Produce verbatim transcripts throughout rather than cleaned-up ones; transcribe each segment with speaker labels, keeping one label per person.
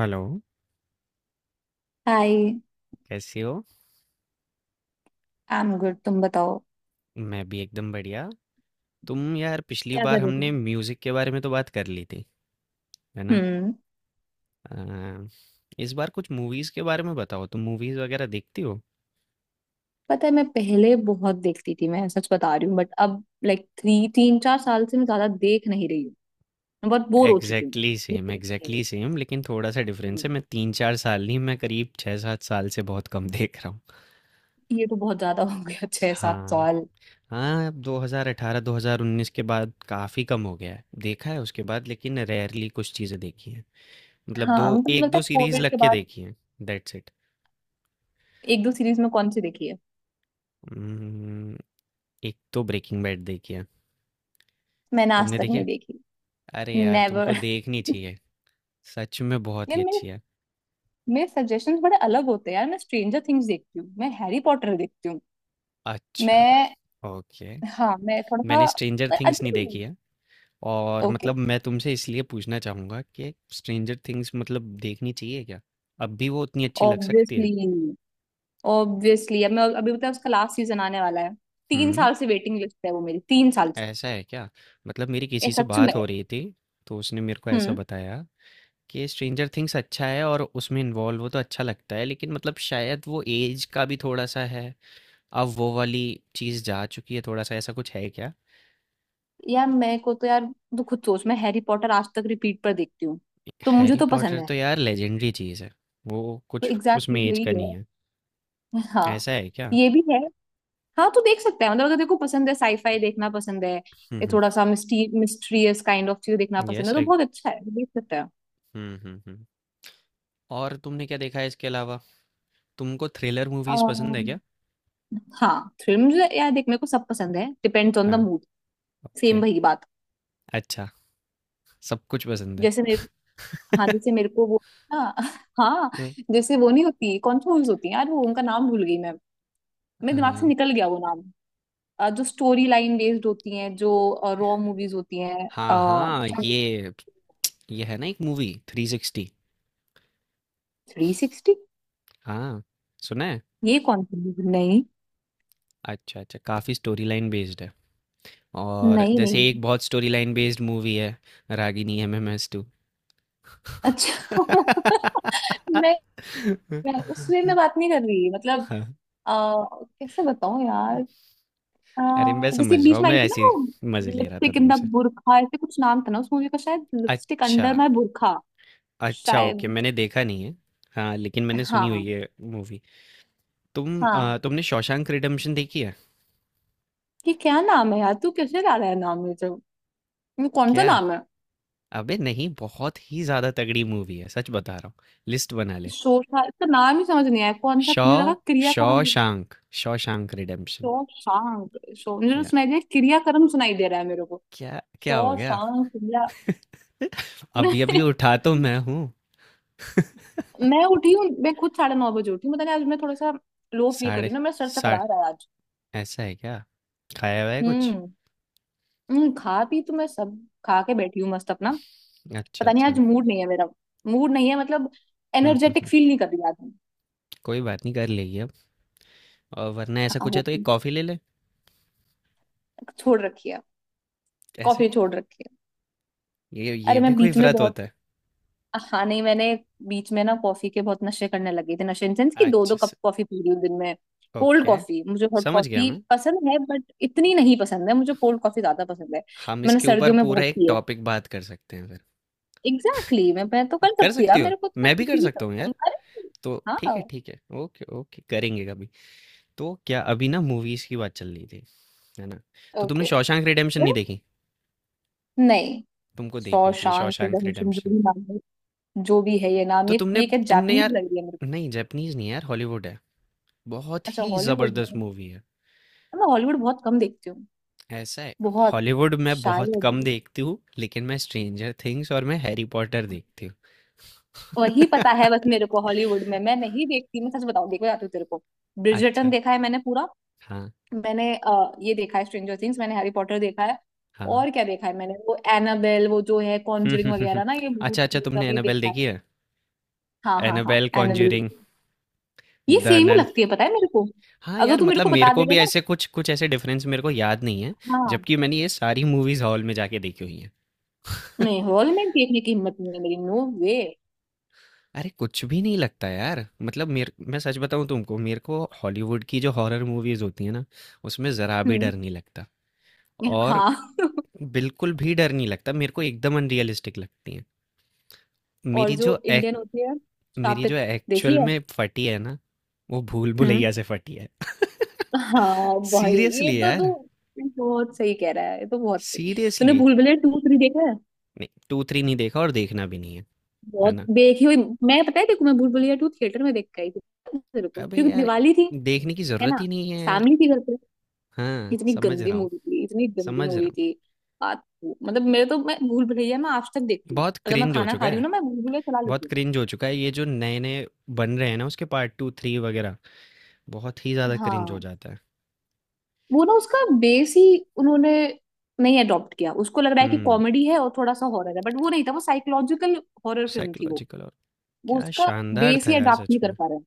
Speaker 1: Hello,
Speaker 2: hi.
Speaker 1: कैसी हो?
Speaker 2: I am good, तुम बताओ।
Speaker 1: मैं भी एकदम बढ़िया। तुम यार पिछली
Speaker 2: क्या
Speaker 1: बार
Speaker 2: कर रहे थे?
Speaker 1: हमने म्यूज़िक के बारे में तो बात कर ली थी, है ना?
Speaker 2: हम्म।
Speaker 1: अ, इस बार कुछ मूवीज़ के बारे में बताओ। तुम मूवीज़ वगैरह देखती हो?
Speaker 2: पता है, मैं पहले बहुत देखती थी, मैं सच बता रही हूँ, बट अब लाइक थ्री तीन चार साल से मैं ज्यादा देख नहीं रही हूँ। मैं बहुत बोर हो चुकी हूँ।
Speaker 1: Exactly same,
Speaker 2: hmm.
Speaker 1: Exactly same, लेकिन थोड़ा सा डिफरेंस है।
Speaker 2: हम्म,
Speaker 1: मैं तीन चार साल नहीं, मैं करीब छः सात साल से बहुत कम देख रहा हूँ।
Speaker 2: ये तो बहुत ज्यादा हो गया, छह सात
Speaker 1: हाँ,
Speaker 2: साल
Speaker 1: हाँ, दो हज़ार अठारह दो हज़ार उन्नीस के बाद काफ़ी कम हो गया है देखा है उसके बाद, लेकिन रेयरली कुछ चीज़ें देखी हैं। मतलब
Speaker 2: हाँ,
Speaker 1: दो
Speaker 2: मतलब
Speaker 1: एक
Speaker 2: लगता
Speaker 1: दो
Speaker 2: है
Speaker 1: सीरीज
Speaker 2: कोविड
Speaker 1: लग
Speaker 2: के
Speaker 1: के
Speaker 2: बाद।
Speaker 1: देखी हैं। दैट्स
Speaker 2: एक दो सीरीज में कौन सी देखी है?
Speaker 1: इट। एक तो ब्रेकिंग बैड देखी है।
Speaker 2: मैंने आज
Speaker 1: तुमने
Speaker 2: तक
Speaker 1: देखी
Speaker 2: नहीं
Speaker 1: है?
Speaker 2: देखी।
Speaker 1: अरे यार, तुमको
Speaker 2: नेवर।
Speaker 1: देखनी चाहिए। सच में बहुत
Speaker 2: यार,
Speaker 1: ही
Speaker 2: मेरे
Speaker 1: अच्छी है।
Speaker 2: मेरे सजेशंस बड़े अलग होते हैं यार। मैं स्ट्रेंजर थिंग्स देखती हूँ, मैं हैरी पॉटर देखती हूँ।
Speaker 1: अच्छा,
Speaker 2: मैं
Speaker 1: ओके,
Speaker 2: हाँ, मैं थोड़ा सा,
Speaker 1: मैंने स्ट्रेंजर
Speaker 2: मैं
Speaker 1: थिंग्स नहीं
Speaker 2: अजीब
Speaker 1: देखी
Speaker 2: हूँ।
Speaker 1: है। और
Speaker 2: ओके।
Speaker 1: मतलब मैं तुमसे इसलिए पूछना चाहूँगा कि स्ट्रेंजर थिंग्स मतलब देखनी चाहिए क्या? अब भी वो उतनी अच्छी लग सकती है?
Speaker 2: ऑब्वियसली, ऑब्वियसली अब मैं अभी बताया उसका लास्ट सीजन आने वाला है। तीन
Speaker 1: हम्म।
Speaker 2: साल से वेटिंग लिस्ट है वो मेरी, तीन साल से।
Speaker 1: ऐसा है क्या? मतलब मेरी
Speaker 2: ये
Speaker 1: किसी से
Speaker 2: सच
Speaker 1: बात
Speaker 2: में।
Speaker 1: हो रही थी, तो उसने मेरे को ऐसा
Speaker 2: हम्म।
Speaker 1: बताया कि स्ट्रेंजर थिंग्स अच्छा है और उसमें इन्वॉल्व हो तो अच्छा लगता है, लेकिन मतलब शायद वो एज का भी थोड़ा सा है। अब वो वाली चीज़ जा चुकी है, थोड़ा सा ऐसा कुछ है क्या?
Speaker 2: यार, मैं को तो यार, तू खुद सोच, मैं हैरी पॉटर आज तक रिपीट पर देखती हूँ, तो मुझे
Speaker 1: हैरी
Speaker 2: तो पसंद
Speaker 1: पॉटर
Speaker 2: है।
Speaker 1: तो यार लेजेंडरी चीज़ है। वो
Speaker 2: तो
Speaker 1: कुछ
Speaker 2: एग्जैक्टली
Speaker 1: उसमें
Speaker 2: exactly
Speaker 1: एज का नहीं
Speaker 2: वही
Speaker 1: है।
Speaker 2: है। हाँ,
Speaker 1: ऐसा है क्या?
Speaker 2: ये भी है। हाँ, तू देख सकता है, मतलब अगर तेरे को पसंद है, साईफाई देखना पसंद है,
Speaker 1: हुँ,
Speaker 2: ये
Speaker 1: हुँ।
Speaker 2: थोड़ा सा मिस्टी मिस्ट्रियस काइंड ऑफ चीज देखना पसंद
Speaker 1: यस
Speaker 2: है, तो
Speaker 1: आई
Speaker 2: बहुत अच्छा है, देख सकता है।
Speaker 1: हुँ, हुँ, हुँ। और तुमने क्या देखा है इसके अलावा? तुमको थ्रिलर मूवीज़ पसंद है क्या?
Speaker 2: अम्म, हाँ, थ्रिल मुझे, यार देख, मेरे को सब पसंद है, डिपेंड्स ऑन द
Speaker 1: हाँ,
Speaker 2: मूड। सेम
Speaker 1: ओके,
Speaker 2: वही बात।
Speaker 1: अच्छा, सब कुछ पसंद है।
Speaker 2: जैसे मेरे हाँ, जैसे मेरे को वो, हाँ हाँ,
Speaker 1: हुँ।
Speaker 2: जैसे वो नहीं होती कौन सी मूवीज होती है यार, वो उनका नाम भूल गई मैं, मेरे दिमाग से
Speaker 1: हाँ,
Speaker 2: निकल गया वो नाम। अ, जो स्टोरी लाइन बेस्ड होती हैं, जो रॉ मूवीज होती हैं, अ,
Speaker 1: हाँ, हाँ,
Speaker 2: क्या?
Speaker 1: ये ये है ना एक movie, three sixty.
Speaker 2: Three sixty?
Speaker 1: हाँ, सुना है?
Speaker 2: ये कौन सी movie? नहीं।
Speaker 1: अच्छा, अच्छा, काफ़ी स्टोरी लाइन बेस्ड है। और
Speaker 2: नहीं
Speaker 1: जैसे
Speaker 2: नहीं।
Speaker 1: एक बहुत स्टोरी लाइन बेस्ड मूवी है, रागिनी एमएमएस टू।
Speaker 2: अच्छा। मैं, मैं उसमें मैं बात नहीं कर रही, मतलब
Speaker 1: हाँ,
Speaker 2: अ, कैसे बताऊं यार,
Speaker 1: अरे मैं
Speaker 2: अ, जैसे
Speaker 1: समझ रहा
Speaker 2: बीच
Speaker 1: हूँ,
Speaker 2: में
Speaker 1: मैं
Speaker 2: आई थी ना
Speaker 1: ऐसे ही
Speaker 2: वो,
Speaker 1: मजे ले रहा था
Speaker 2: लिपस्टिक इन द
Speaker 1: तुमसे।
Speaker 2: बुरखा, ऐसे कुछ नाम था ना उस मूवी का, शायद लिपस्टिक
Speaker 1: अच्छा,
Speaker 2: अंडर माय बुरखा।
Speaker 1: अच्छा, ओके,
Speaker 2: शायद।
Speaker 1: मैंने देखा नहीं है। हाँ, लेकिन मैंने सुनी हुई
Speaker 2: हाँ।
Speaker 1: है मूवी। तुम आ,
Speaker 2: हाँ,
Speaker 1: तुमने शॉशैंक रिडेम्पशन देखी है?
Speaker 2: ये क्या नाम है यार? तू कैसे ला रहा है नाम? ये जो, ये कौन सा
Speaker 1: क्या,
Speaker 2: नाम है?
Speaker 1: अबे नहीं, बहुत ही ज्यादा तगड़ी मूवी है, सच बता रहा हूँ। लिस्ट बना ले।
Speaker 2: शोशांक, इसका नाम ही समझ नहीं आया, कौन सा? मुझे
Speaker 1: शॉ
Speaker 2: लगा क्रियाकर्म।
Speaker 1: Shawshank Shawshank Redemption.
Speaker 2: शोशांक शो, मुझे तो
Speaker 1: या
Speaker 2: सुनाई दिया क्रियाकर्म, सुनाई दे रहा है मेरे को
Speaker 1: क्या क्या हो गया?
Speaker 2: शोशांक क्रिया।
Speaker 1: अभी अभी उठा तो मैं हूँ।
Speaker 2: मैं उठी हूँ, मैं खुद साढ़े नौ बजे उठी हूँ, पता नहीं आज मैं थोड़ा सा लो फील कर
Speaker 1: साढ़े
Speaker 2: रही हूँ ना, मेरा सर
Speaker 1: साढ़े
Speaker 2: चकरा रहा है आज।
Speaker 1: ऐसा है क्या? खाया हुआ है कुछ?
Speaker 2: हम्म। हम्म, खा पी तो मैं सब, खा के बैठी हूँ मस्त अपना।
Speaker 1: अच्छा,
Speaker 2: पता नहीं आज
Speaker 1: अच्छा।
Speaker 2: मूड नहीं है मेरा, मूड नहीं है मतलब,
Speaker 1: hmm, hmm,
Speaker 2: energetic
Speaker 1: hmm,
Speaker 2: feel नहीं कर रही आज मैं।
Speaker 1: कोई बात नहीं, कर लेगी अब। और वरना ऐसा
Speaker 2: हाँ,
Speaker 1: कुछ है
Speaker 2: हो
Speaker 1: तो एक कॉफ़ी ले ले।
Speaker 2: छोड़ रखी है।
Speaker 1: ऐसा
Speaker 2: कॉफी
Speaker 1: क्यों?
Speaker 2: छोड़ रखी है।
Speaker 1: ये ये
Speaker 2: अरे,
Speaker 1: भी
Speaker 2: मैं
Speaker 1: कोई
Speaker 2: बीच में
Speaker 1: व्रत
Speaker 2: बहुत,
Speaker 1: होता है?
Speaker 2: हाँ नहीं, मैंने बीच में ना कॉफी के बहुत नशे करने लगी थी, नशे इन सेंस की, दो दो
Speaker 1: अच्छा, स-
Speaker 2: कप कॉफी पी रही हूँ दिन में। Cold
Speaker 1: okay.
Speaker 2: कॉफी, मुझे हॉट
Speaker 1: समझ गया
Speaker 2: कॉफी
Speaker 1: मैं।
Speaker 2: पसंद है बट इतनी नहीं पसंद है मुझे, कोल्ड कॉफी ज्यादा पसंद है।
Speaker 1: हम
Speaker 2: मैंने
Speaker 1: इसके ऊपर
Speaker 2: सर्दियों में
Speaker 1: पूरा
Speaker 2: बहुत
Speaker 1: एक
Speaker 2: पी है।
Speaker 1: टॉपिक बात कर सकते हैं फिर।
Speaker 2: एग्जैक्टली exactly, मैं मैं तो कर
Speaker 1: कर
Speaker 2: सकती हूँ
Speaker 1: सकती
Speaker 2: यार,
Speaker 1: हो?
Speaker 2: मेरे को तो, मैं
Speaker 1: मैं भी कर
Speaker 2: किसी भी,
Speaker 1: सकता हूँ यार।
Speaker 2: अरे
Speaker 1: तो ठीक है,
Speaker 2: हाँ,
Speaker 1: ठीक है, ओके, ओके, करेंगे कभी। तो क्या अभी ना मूवीज़ की बात चल रही थी, है ना? तो तुमने
Speaker 2: ओके।
Speaker 1: शॉशैंक रिडेम्पशन नहीं देखी।
Speaker 2: नहीं।
Speaker 1: तुमको देखनी चाहिए
Speaker 2: शॉशांक
Speaker 1: शॉशैंक
Speaker 2: रिडेम्पशन, जो
Speaker 1: रिडेम्पशन।
Speaker 2: भी नाम है, जो भी है ये नाम,
Speaker 1: तो
Speaker 2: ये
Speaker 1: तुमने
Speaker 2: ये क्या
Speaker 1: तुमने
Speaker 2: जापानीज
Speaker 1: यार,
Speaker 2: लग रही है मेरे को।
Speaker 1: नहीं जैपनीज नहीं है यार, हॉलीवुड है। बहुत
Speaker 2: अच्छा,
Speaker 1: ही
Speaker 2: हॉलीवुड
Speaker 1: जबरदस्त
Speaker 2: है।
Speaker 1: मूवी है।
Speaker 2: मैं हॉलीवुड बहुत कम देखती हूँ,
Speaker 1: ऐसा है।
Speaker 2: बहुत।
Speaker 1: हॉलीवुड मैं बहुत कम
Speaker 2: शायद
Speaker 1: देखती हूँ, लेकिन मैं स्ट्रेंजर थिंग्स और मैं हैरी पॉटर देखती
Speaker 2: वही,
Speaker 1: हूँ।
Speaker 2: पता है बस, मेरे को हॉलीवुड में मैं नहीं देखती, मैं सच बताऊँ, देखो, जाती हूँ तेरे को। ब्रिजर्टन
Speaker 1: अच्छा।
Speaker 2: देखा है मैंने पूरा।
Speaker 1: हाँ,
Speaker 2: मैंने अ, ये देखा है स्ट्रेंजर थिंग्स, मैंने हैरी पॉटर देखा है।
Speaker 1: हाँ।
Speaker 2: और क्या देखा है मैंने, वो एनाबेल, वो जो है कॉन्जरिंग वगैरह ना, ये भूत,
Speaker 1: अच्छा, अच्छा,
Speaker 2: ये सब
Speaker 1: तुमने
Speaker 2: ये
Speaker 1: एनाबेल
Speaker 2: देखा है।
Speaker 1: देखी है?
Speaker 2: हाँ हाँ हाँ,
Speaker 1: एनाबेल,
Speaker 2: एनाबेल
Speaker 1: कॉन्ज्यूरिंग,
Speaker 2: देखी है। ये
Speaker 1: द
Speaker 2: सेम ही
Speaker 1: नन।
Speaker 2: लगती है पता है मेरे को।
Speaker 1: हाँ
Speaker 2: अगर
Speaker 1: यार,
Speaker 2: तू मेरे
Speaker 1: मतलब
Speaker 2: को
Speaker 1: मेरे
Speaker 2: बता
Speaker 1: को
Speaker 2: देगा
Speaker 1: भी
Speaker 2: ना,
Speaker 1: ऐसे कुछ कुछ ऐसे डिफरेंस मेरे को याद नहीं है।
Speaker 2: हाँ।
Speaker 1: जबकि मैंने ये सारी मूवीज हॉल में जाके देखी हुई हैं।
Speaker 2: नहीं, हॉल में देखने की हिम्मत नहीं है मेरी, नो वे।
Speaker 1: अरे कुछ भी नहीं लगता यार, मतलब मेरे, मैं सच बताऊं तुमको, मेरे को हॉलीवुड की जो हॉरर मूवीज होती है ना, उसमें ज़रा भी
Speaker 2: हम्म।
Speaker 1: डर नहीं लगता। और
Speaker 2: हाँ।
Speaker 1: बिल्कुल भी डर नहीं लगता मेरे को, एकदम अनरियलिस्टिक लगती हैं।
Speaker 2: और
Speaker 1: मेरी जो
Speaker 2: जो
Speaker 1: एक
Speaker 2: इंडियन होती है,
Speaker 1: मेरी जो
Speaker 2: शापित देखी
Speaker 1: एक्चुअल
Speaker 2: है।
Speaker 1: में फटी है ना, वो भूल
Speaker 2: हम्म।
Speaker 1: भुलैया से फटी है।
Speaker 2: हाँ भाई, ये
Speaker 1: सीरियसली
Speaker 2: तो
Speaker 1: यार।
Speaker 2: तू बहुत सही कह रहा है, ये तो बहुत सही। तूने
Speaker 1: seriously.
Speaker 2: Bhool Bhulaiyaa two three देखा है?
Speaker 1: नहीं, टू थ्री नहीं देखा, और देखना भी नहीं है, है
Speaker 2: बहुत
Speaker 1: ना?
Speaker 2: देखी हुई। मैं पता है देखो, मैं भूल भुलैया टू थिएटर में देख के आई थी, पता है तेरे को,
Speaker 1: अबे
Speaker 2: क्योंकि
Speaker 1: यार,
Speaker 2: दिवाली थी,
Speaker 1: देखने की
Speaker 2: है
Speaker 1: जरूरत
Speaker 2: ना,
Speaker 1: ही नहीं है यार।
Speaker 2: फैमिली थी घर पे।
Speaker 1: हाँ,
Speaker 2: इतनी
Speaker 1: समझ
Speaker 2: गंदी
Speaker 1: रहा हूँ,
Speaker 2: मूवी थी, इतनी गंदी
Speaker 1: समझ
Speaker 2: मूवी
Speaker 1: रहा
Speaker 2: थी। आ, मतलब मेरे तो, मैं भूल भुलैया मैं आज तक
Speaker 1: हूँ।
Speaker 2: देखती हूँ,
Speaker 1: बहुत
Speaker 2: अगर मैं
Speaker 1: क्रिंज हो
Speaker 2: खाना
Speaker 1: चुका
Speaker 2: खा रही हूँ
Speaker 1: है।
Speaker 2: ना, मैं भूल भुलैया चला
Speaker 1: बहुत
Speaker 2: लेती हूँ।
Speaker 1: क्रिंज हो चुका है। ये जो नए-नए बन रहे हैं ना, उसके पार्ट टू, थ्री वगैरह, बहुत ही ज़्यादा क्रिंज हो
Speaker 2: हाँ,
Speaker 1: जाता है।
Speaker 2: वो ना उसका बेस ही उन्होंने नहीं अडॉप्ट किया, उसको लग रहा है कि
Speaker 1: हुँ,
Speaker 2: कॉमेडी है और थोड़ा सा हॉरर है, बट वो नहीं था, वो साइकोलॉजिकल हॉरर फिल्म थी वो।
Speaker 1: साइकोलॉजिकल, और
Speaker 2: वो
Speaker 1: क्या
Speaker 2: उसका
Speaker 1: शानदार
Speaker 2: बेस
Speaker 1: था
Speaker 2: ही
Speaker 1: यार,
Speaker 2: अडॉप्ट
Speaker 1: सच
Speaker 2: नहीं कर
Speaker 1: में।
Speaker 2: पा रहे हैं।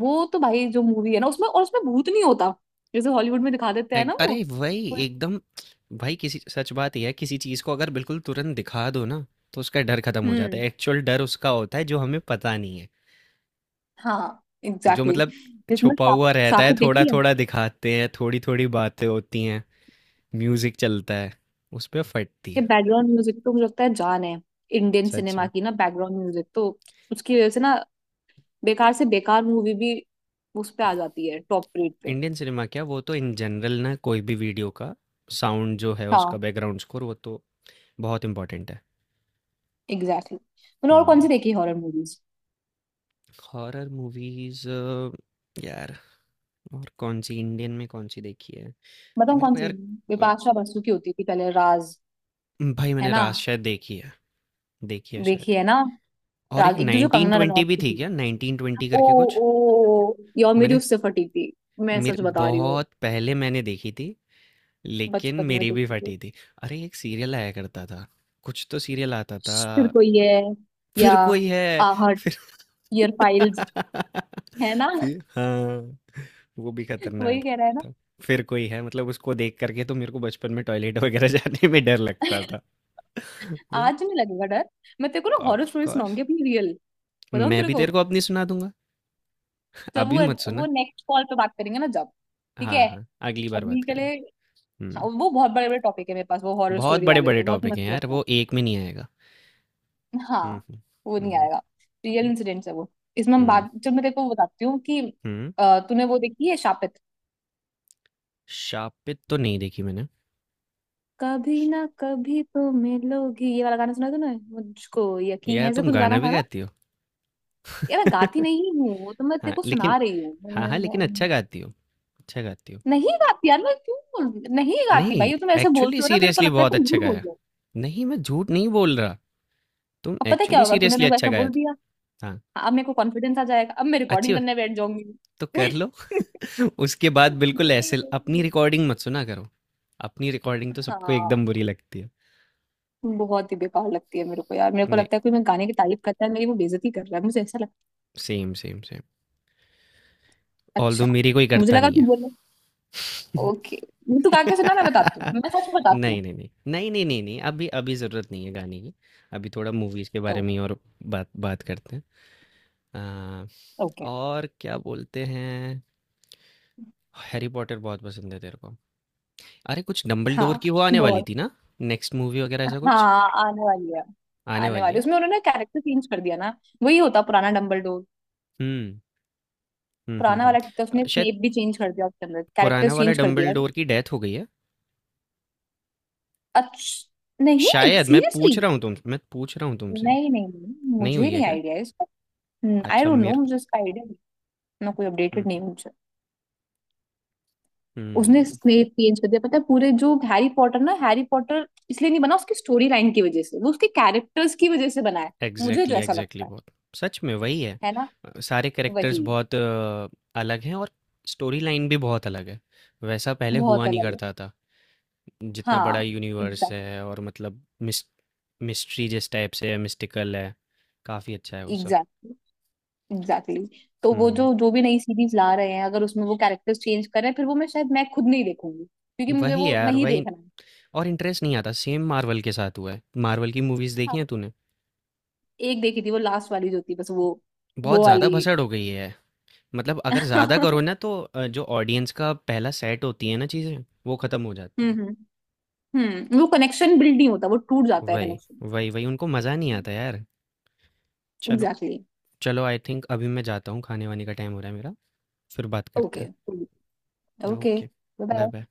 Speaker 2: वो तो भाई, जो मूवी है ना उसमें, और उसमें भूत नहीं होता, जैसे हॉलीवुड में दिखा देते हैं
Speaker 1: एक,
Speaker 2: ना वो,
Speaker 1: अरे वही
Speaker 2: कोई-
Speaker 1: एकदम, भाई किसी, सच बात ये है, किसी चीज़ को अगर बिल्कुल तुरंत दिखा दो ना, तो उसका डर खत्म हो जाता
Speaker 2: हम्म
Speaker 1: है। एक्चुअल डर उसका होता है जो हमें पता नहीं है।
Speaker 2: हाँ
Speaker 1: जो
Speaker 2: एग्जैक्टली
Speaker 1: मतलब
Speaker 2: exactly। जिसमें
Speaker 1: छुपा
Speaker 2: शाप
Speaker 1: हुआ रहता
Speaker 2: शाप
Speaker 1: है,
Speaker 2: देख लिया
Speaker 1: थोड़ा-थोड़ा दिखाते हैं, थोड़ी-थोड़ी बातें होती हैं, म्यूज़िक चलता है, उस पे फटती
Speaker 2: कि,
Speaker 1: है,
Speaker 2: बैकग्राउंड म्यूजिक तो मुझे लगता है जान है इंडियन
Speaker 1: सच
Speaker 2: सिनेमा
Speaker 1: में।
Speaker 2: की ना, बैकग्राउंड म्यूजिक तो, उसकी वजह से ना बेकार से बेकार मूवी भी उस पे आ जाती है टॉप रेट पे।
Speaker 1: इंडियन सिनेमा क्या, वो तो इन जनरल ना कोई भी वीडियो का साउंड जो है
Speaker 2: हाँ।
Speaker 1: उसका बैकग्राउंड स्कोर वो तो बहुत इम्पोर्टेंट है।
Speaker 2: Exactly exactly। मैंने और कौन
Speaker 1: हुँ।
Speaker 2: सी देखी हॉरर मूवीज?
Speaker 1: हॉरर मूवीज़ यार, और कौन-सी, इंडियन में कौन-सी देखी है?
Speaker 2: बताऊँ
Speaker 1: मेरे
Speaker 2: कौन
Speaker 1: को
Speaker 2: सी,
Speaker 1: यार, अ,
Speaker 2: बिपाशा बसु की होती थी पहले, राज,
Speaker 1: भाई
Speaker 2: है
Speaker 1: मैंने
Speaker 2: ना,
Speaker 1: रात शायद देखी है, देखी है शायद।
Speaker 2: देखी है ना।
Speaker 1: और एक
Speaker 2: राज एक तो जो कंगना
Speaker 1: नाइनटीन ट्वेंटी
Speaker 2: रनौत
Speaker 1: भी
Speaker 2: की
Speaker 1: थी
Speaker 2: थी,
Speaker 1: क्या? नाइनटीन ट्वेंटी
Speaker 2: ओ
Speaker 1: करके कुछ?
Speaker 2: ओ यो मेरी
Speaker 1: मैंने
Speaker 2: उससे फटी थी, मैं
Speaker 1: मेर
Speaker 2: सच बता रही हूँ,
Speaker 1: बहुत पहले मैंने देखी थी, लेकिन
Speaker 2: बचपन में
Speaker 1: मेरी भी
Speaker 2: देखी थी।
Speaker 1: फटी थी। अरे एक सीरियल आया करता था, कुछ तो सीरियल आता था,
Speaker 2: फिर कोई है या
Speaker 1: फिर कोई है,
Speaker 2: आहट,
Speaker 1: फिर
Speaker 2: ईयर फाइल्स, है ना।
Speaker 1: फिर, हाँ, वो भी
Speaker 2: वही
Speaker 1: खतरनाक
Speaker 2: कह रहा है ना।
Speaker 1: था। फिर कोई है, मतलब उसको देख करके तो मेरे को बचपन में टॉयलेट वगैरह जाने में डर लगता था।
Speaker 2: आज नहीं लगेगा डर, मैं तेरे को ना हॉरर
Speaker 1: ऑफ
Speaker 2: स्टोरी
Speaker 1: कोर्स,
Speaker 2: सुनाऊंगी अपनी, रियल। बताऊँ
Speaker 1: मैं
Speaker 2: तेरे
Speaker 1: भी
Speaker 2: को,
Speaker 1: तेरे को अपनी सुना दूंगा।
Speaker 2: जब
Speaker 1: अभी
Speaker 2: वो
Speaker 1: मत
Speaker 2: वो
Speaker 1: सुना।
Speaker 2: नेक्स्ट कॉल पे बात करेंगे ना, जब ठीक
Speaker 1: हाँ,
Speaker 2: है,
Speaker 1: हाँ, अगली बार
Speaker 2: अभी
Speaker 1: बात
Speaker 2: के
Speaker 1: करें।
Speaker 2: लिए। हाँ,
Speaker 1: हम्म।
Speaker 2: वो बहुत बड़े बड़े टॉपिक है, मेरे पास वो हॉरर
Speaker 1: बहुत
Speaker 2: स्टोरी
Speaker 1: बड़े
Speaker 2: वाले
Speaker 1: बड़े
Speaker 2: तो बहुत
Speaker 1: टॉपिक
Speaker 2: मस्त
Speaker 1: हैं यार,
Speaker 2: मस्त है।
Speaker 1: वो एक में नहीं आएगा। हम्म,
Speaker 2: हाँ,
Speaker 1: हम्म,
Speaker 2: वो नहीं
Speaker 1: हम्म।
Speaker 2: आएगा। रियल
Speaker 1: हम्म,
Speaker 2: इंसिडेंट्स है वो। इसमें हम
Speaker 1: हम्म,
Speaker 2: बात चल, मैं तेरे को बताती हूँ कि
Speaker 1: हम्म।
Speaker 2: अ, तूने वो देखी है शापित?
Speaker 1: शापित तो नहीं देखी मैंने।
Speaker 2: कभी ना कभी तो मिलोगी, ये वाला गाना सुना तूने, मुझको यकीन
Speaker 1: यार
Speaker 2: है ऐसा
Speaker 1: तुम
Speaker 2: कुछ
Speaker 1: गाना
Speaker 2: गाना
Speaker 1: भी
Speaker 2: था ना।
Speaker 1: गाती
Speaker 2: यार, मैं गाती
Speaker 1: हो।
Speaker 2: नहीं हूँ, वो तो मैं तेरे
Speaker 1: हाँ,
Speaker 2: को
Speaker 1: लेकिन,
Speaker 2: सुना रही हूँ,
Speaker 1: हाँ, हाँ, लेकिन अच्छा
Speaker 2: मैं-
Speaker 1: गाती हो, अच्छा गाती हो।
Speaker 2: नहीं गाती यार, मैं क्यों? नहीं गाती
Speaker 1: नहीं,
Speaker 2: भाई, तुम ऐसे
Speaker 1: एक्चुअली
Speaker 2: बोलते हो ना, मेरे को
Speaker 1: सीरियसली
Speaker 2: लगता है
Speaker 1: बहुत
Speaker 2: तुम
Speaker 1: अच्छा
Speaker 2: झूठ बोल
Speaker 1: गाया।
Speaker 2: रहे हो।
Speaker 1: नहीं, मैं झूठ नहीं बोल रहा। तुम
Speaker 2: अब पता है क्या
Speaker 1: एक्चुअली
Speaker 2: होगा, तूने
Speaker 1: सीरियसली
Speaker 2: मेरे को
Speaker 1: अच्छा
Speaker 2: ऐसा
Speaker 1: गाया
Speaker 2: बोल
Speaker 1: तो।
Speaker 2: दिया,
Speaker 1: हाँ,
Speaker 2: हाँ, अब मेरे को कॉन्फिडेंस आ जाएगा, अब मैं
Speaker 1: अच्छी
Speaker 2: रिकॉर्डिंग
Speaker 1: बात,
Speaker 2: करने बैठ जाऊंगी।
Speaker 1: तो कर लो। उसके बाद बिल्कुल ऐसे ल अपनी
Speaker 2: नहीं,
Speaker 1: रिकॉर्डिंग मत सुना करो। अपनी रिकॉर्डिंग तो सबको
Speaker 2: हाँ,
Speaker 1: एकदम बुरी लगती है।
Speaker 2: बहुत ही बेकार लगती है मेरे को यार, मेरे को
Speaker 1: नहीं,
Speaker 2: लगता है कोई मैं गाने की तारीफ करता है मेरी, वो बेइज्जती कर रहा है मुझे ऐसा लगता
Speaker 1: सेम, सेम, सेम।
Speaker 2: है।
Speaker 1: ऑल्दो
Speaker 2: अच्छा।
Speaker 1: मेरी कोई
Speaker 2: मुझे
Speaker 1: करता
Speaker 2: लगा
Speaker 1: नहीं है।
Speaker 2: तू बोल, ओके। तू गा के सुना, मैं बताती हूँ, मैं सच में बताती
Speaker 1: नहीं,
Speaker 2: हूँ।
Speaker 1: नहीं, नहीं। नहीं, नहीं, नहीं, नहीं, अभी अभी ज़रूरत नहीं है गाने की। अभी थोड़ा मूवीज़ के बारे में
Speaker 2: ओके।
Speaker 1: ही और बात बात करते हैं। आ,
Speaker 2: ओके।
Speaker 1: और क्या बोलते हैं। हैरी पॉटर बहुत पसंद है तेरे को? अरे कुछ डंबलडोर
Speaker 2: हाँ,
Speaker 1: की वो आने वाली
Speaker 2: बहुत।
Speaker 1: थी ना, नेक्स्ट मूवी वगैरह, ऐसा कुछ?
Speaker 2: हाँ, आने वाली है,
Speaker 1: आने
Speaker 2: आने
Speaker 1: वाली
Speaker 2: वाली है।
Speaker 1: है।
Speaker 2: उसमें उन्होंने कैरेक्टर चेंज कर दिया ना, वही होता पुराना डम्बलडोर।
Speaker 1: हम्म, हम्म, हम्म,
Speaker 2: पुराना
Speaker 1: हम्म।
Speaker 2: वाला ठीक था, उसने
Speaker 1: अ, शायद
Speaker 2: स्नेप भी चेंज कर दिया, उसके अंदर कैरेक्टर
Speaker 1: पुराना वाला
Speaker 2: चेंज कर दिया।
Speaker 1: डंबलडोर की डेथ हो गई है?
Speaker 2: अच्छा, नहीं,
Speaker 1: शायद, मैं
Speaker 2: सीरियसली?
Speaker 1: पूछ रहा हूँ तुम मैं पूछ रहा हूँ तुमसे।
Speaker 2: नहीं नहीं नहीं,
Speaker 1: नहीं
Speaker 2: मुझे
Speaker 1: हुई है
Speaker 2: नहीं
Speaker 1: क्या?
Speaker 2: आइडिया है इसका। आई
Speaker 1: अच्छा,
Speaker 2: डोंट नो,
Speaker 1: मेरे,
Speaker 2: मुझे इसका आइडिया नहीं, ना कोई अपडेटेड
Speaker 1: हम्म,
Speaker 2: नहीं है मुझे। उसने
Speaker 1: हम्म।
Speaker 2: स्नेप चेंज कर दिया पता है, पूरे जो हैरी पॉटर ना, हैरी पॉटर इसलिए नहीं बना उसकी स्टोरी लाइन की वजह से, वो उसके कैरेक्टर्स की वजह से बना है। मुझे जो
Speaker 1: एग्जैक्टली,
Speaker 2: ऐसा
Speaker 1: एग्जैक्टली,
Speaker 2: लगता है
Speaker 1: बहुत सच में वही है।
Speaker 2: है ना,
Speaker 1: अ, सारे कैरेक्टर्स
Speaker 2: वही
Speaker 1: बहुत अ, अलग हैं, और स्टोरी लाइन भी बहुत अलग है। वैसा पहले हुआ
Speaker 2: बहुत
Speaker 1: नहीं
Speaker 2: अलग है।
Speaker 1: करता था। जितना बड़ा
Speaker 2: हाँ
Speaker 1: यूनिवर्स
Speaker 2: एग्जैक्ट
Speaker 1: है, और मतलब मिस मिस्ट्री जिस टाइप से है, मिस्टिकल है, काफ़ी अच्छा है वो सब।
Speaker 2: एग्जैक्टली। एग्जैक्टली। तो वो जो
Speaker 1: हम्म।
Speaker 2: जो भी नई सीरीज ला रहे हैं, अगर उसमें वो कैरेक्टर्स चेंज करें, फिर वो मैं शायद, मैं खुद नहीं देखूंगी, क्योंकि मुझे
Speaker 1: वही
Speaker 2: वो
Speaker 1: यार,
Speaker 2: नहीं
Speaker 1: वही।
Speaker 2: देखना है।
Speaker 1: और इंटरेस्ट नहीं आता। सेम मार्वल के साथ हुआ है। मार्वल की मूवीज़
Speaker 2: हाँ,
Speaker 1: देखी हैं तूने?
Speaker 2: एक देखी थी वो लास्ट वाली जो थी बस, वो
Speaker 1: बहुत
Speaker 2: वो
Speaker 1: ज़्यादा
Speaker 2: वाली।
Speaker 1: भसड़ हो गई है। मतलब अगर ज़्यादा करो ना, तो अ, जो ऑडियंस का पहला सेट होती है ना चीज़ें, वो ख़त्म हो जाती
Speaker 2: हम्म।
Speaker 1: है।
Speaker 2: हम्म। हम्म, वो कनेक्शन बिल्ड नहीं होता, वो टूट जाता है
Speaker 1: वही,
Speaker 2: कनेक्शन।
Speaker 1: वही, वही, उनको मज़ा नहीं आता यार। चलो,
Speaker 2: एग्जैक्टली।
Speaker 1: चलो, आई थिंक अभी मैं जाता हूँ, खाने वाने का टाइम हो रहा है मेरा। फिर बात
Speaker 2: ओके।
Speaker 1: करते हैं,
Speaker 2: okay.
Speaker 1: Okay?
Speaker 2: Bye
Speaker 1: bye
Speaker 2: bye.
Speaker 1: Bye.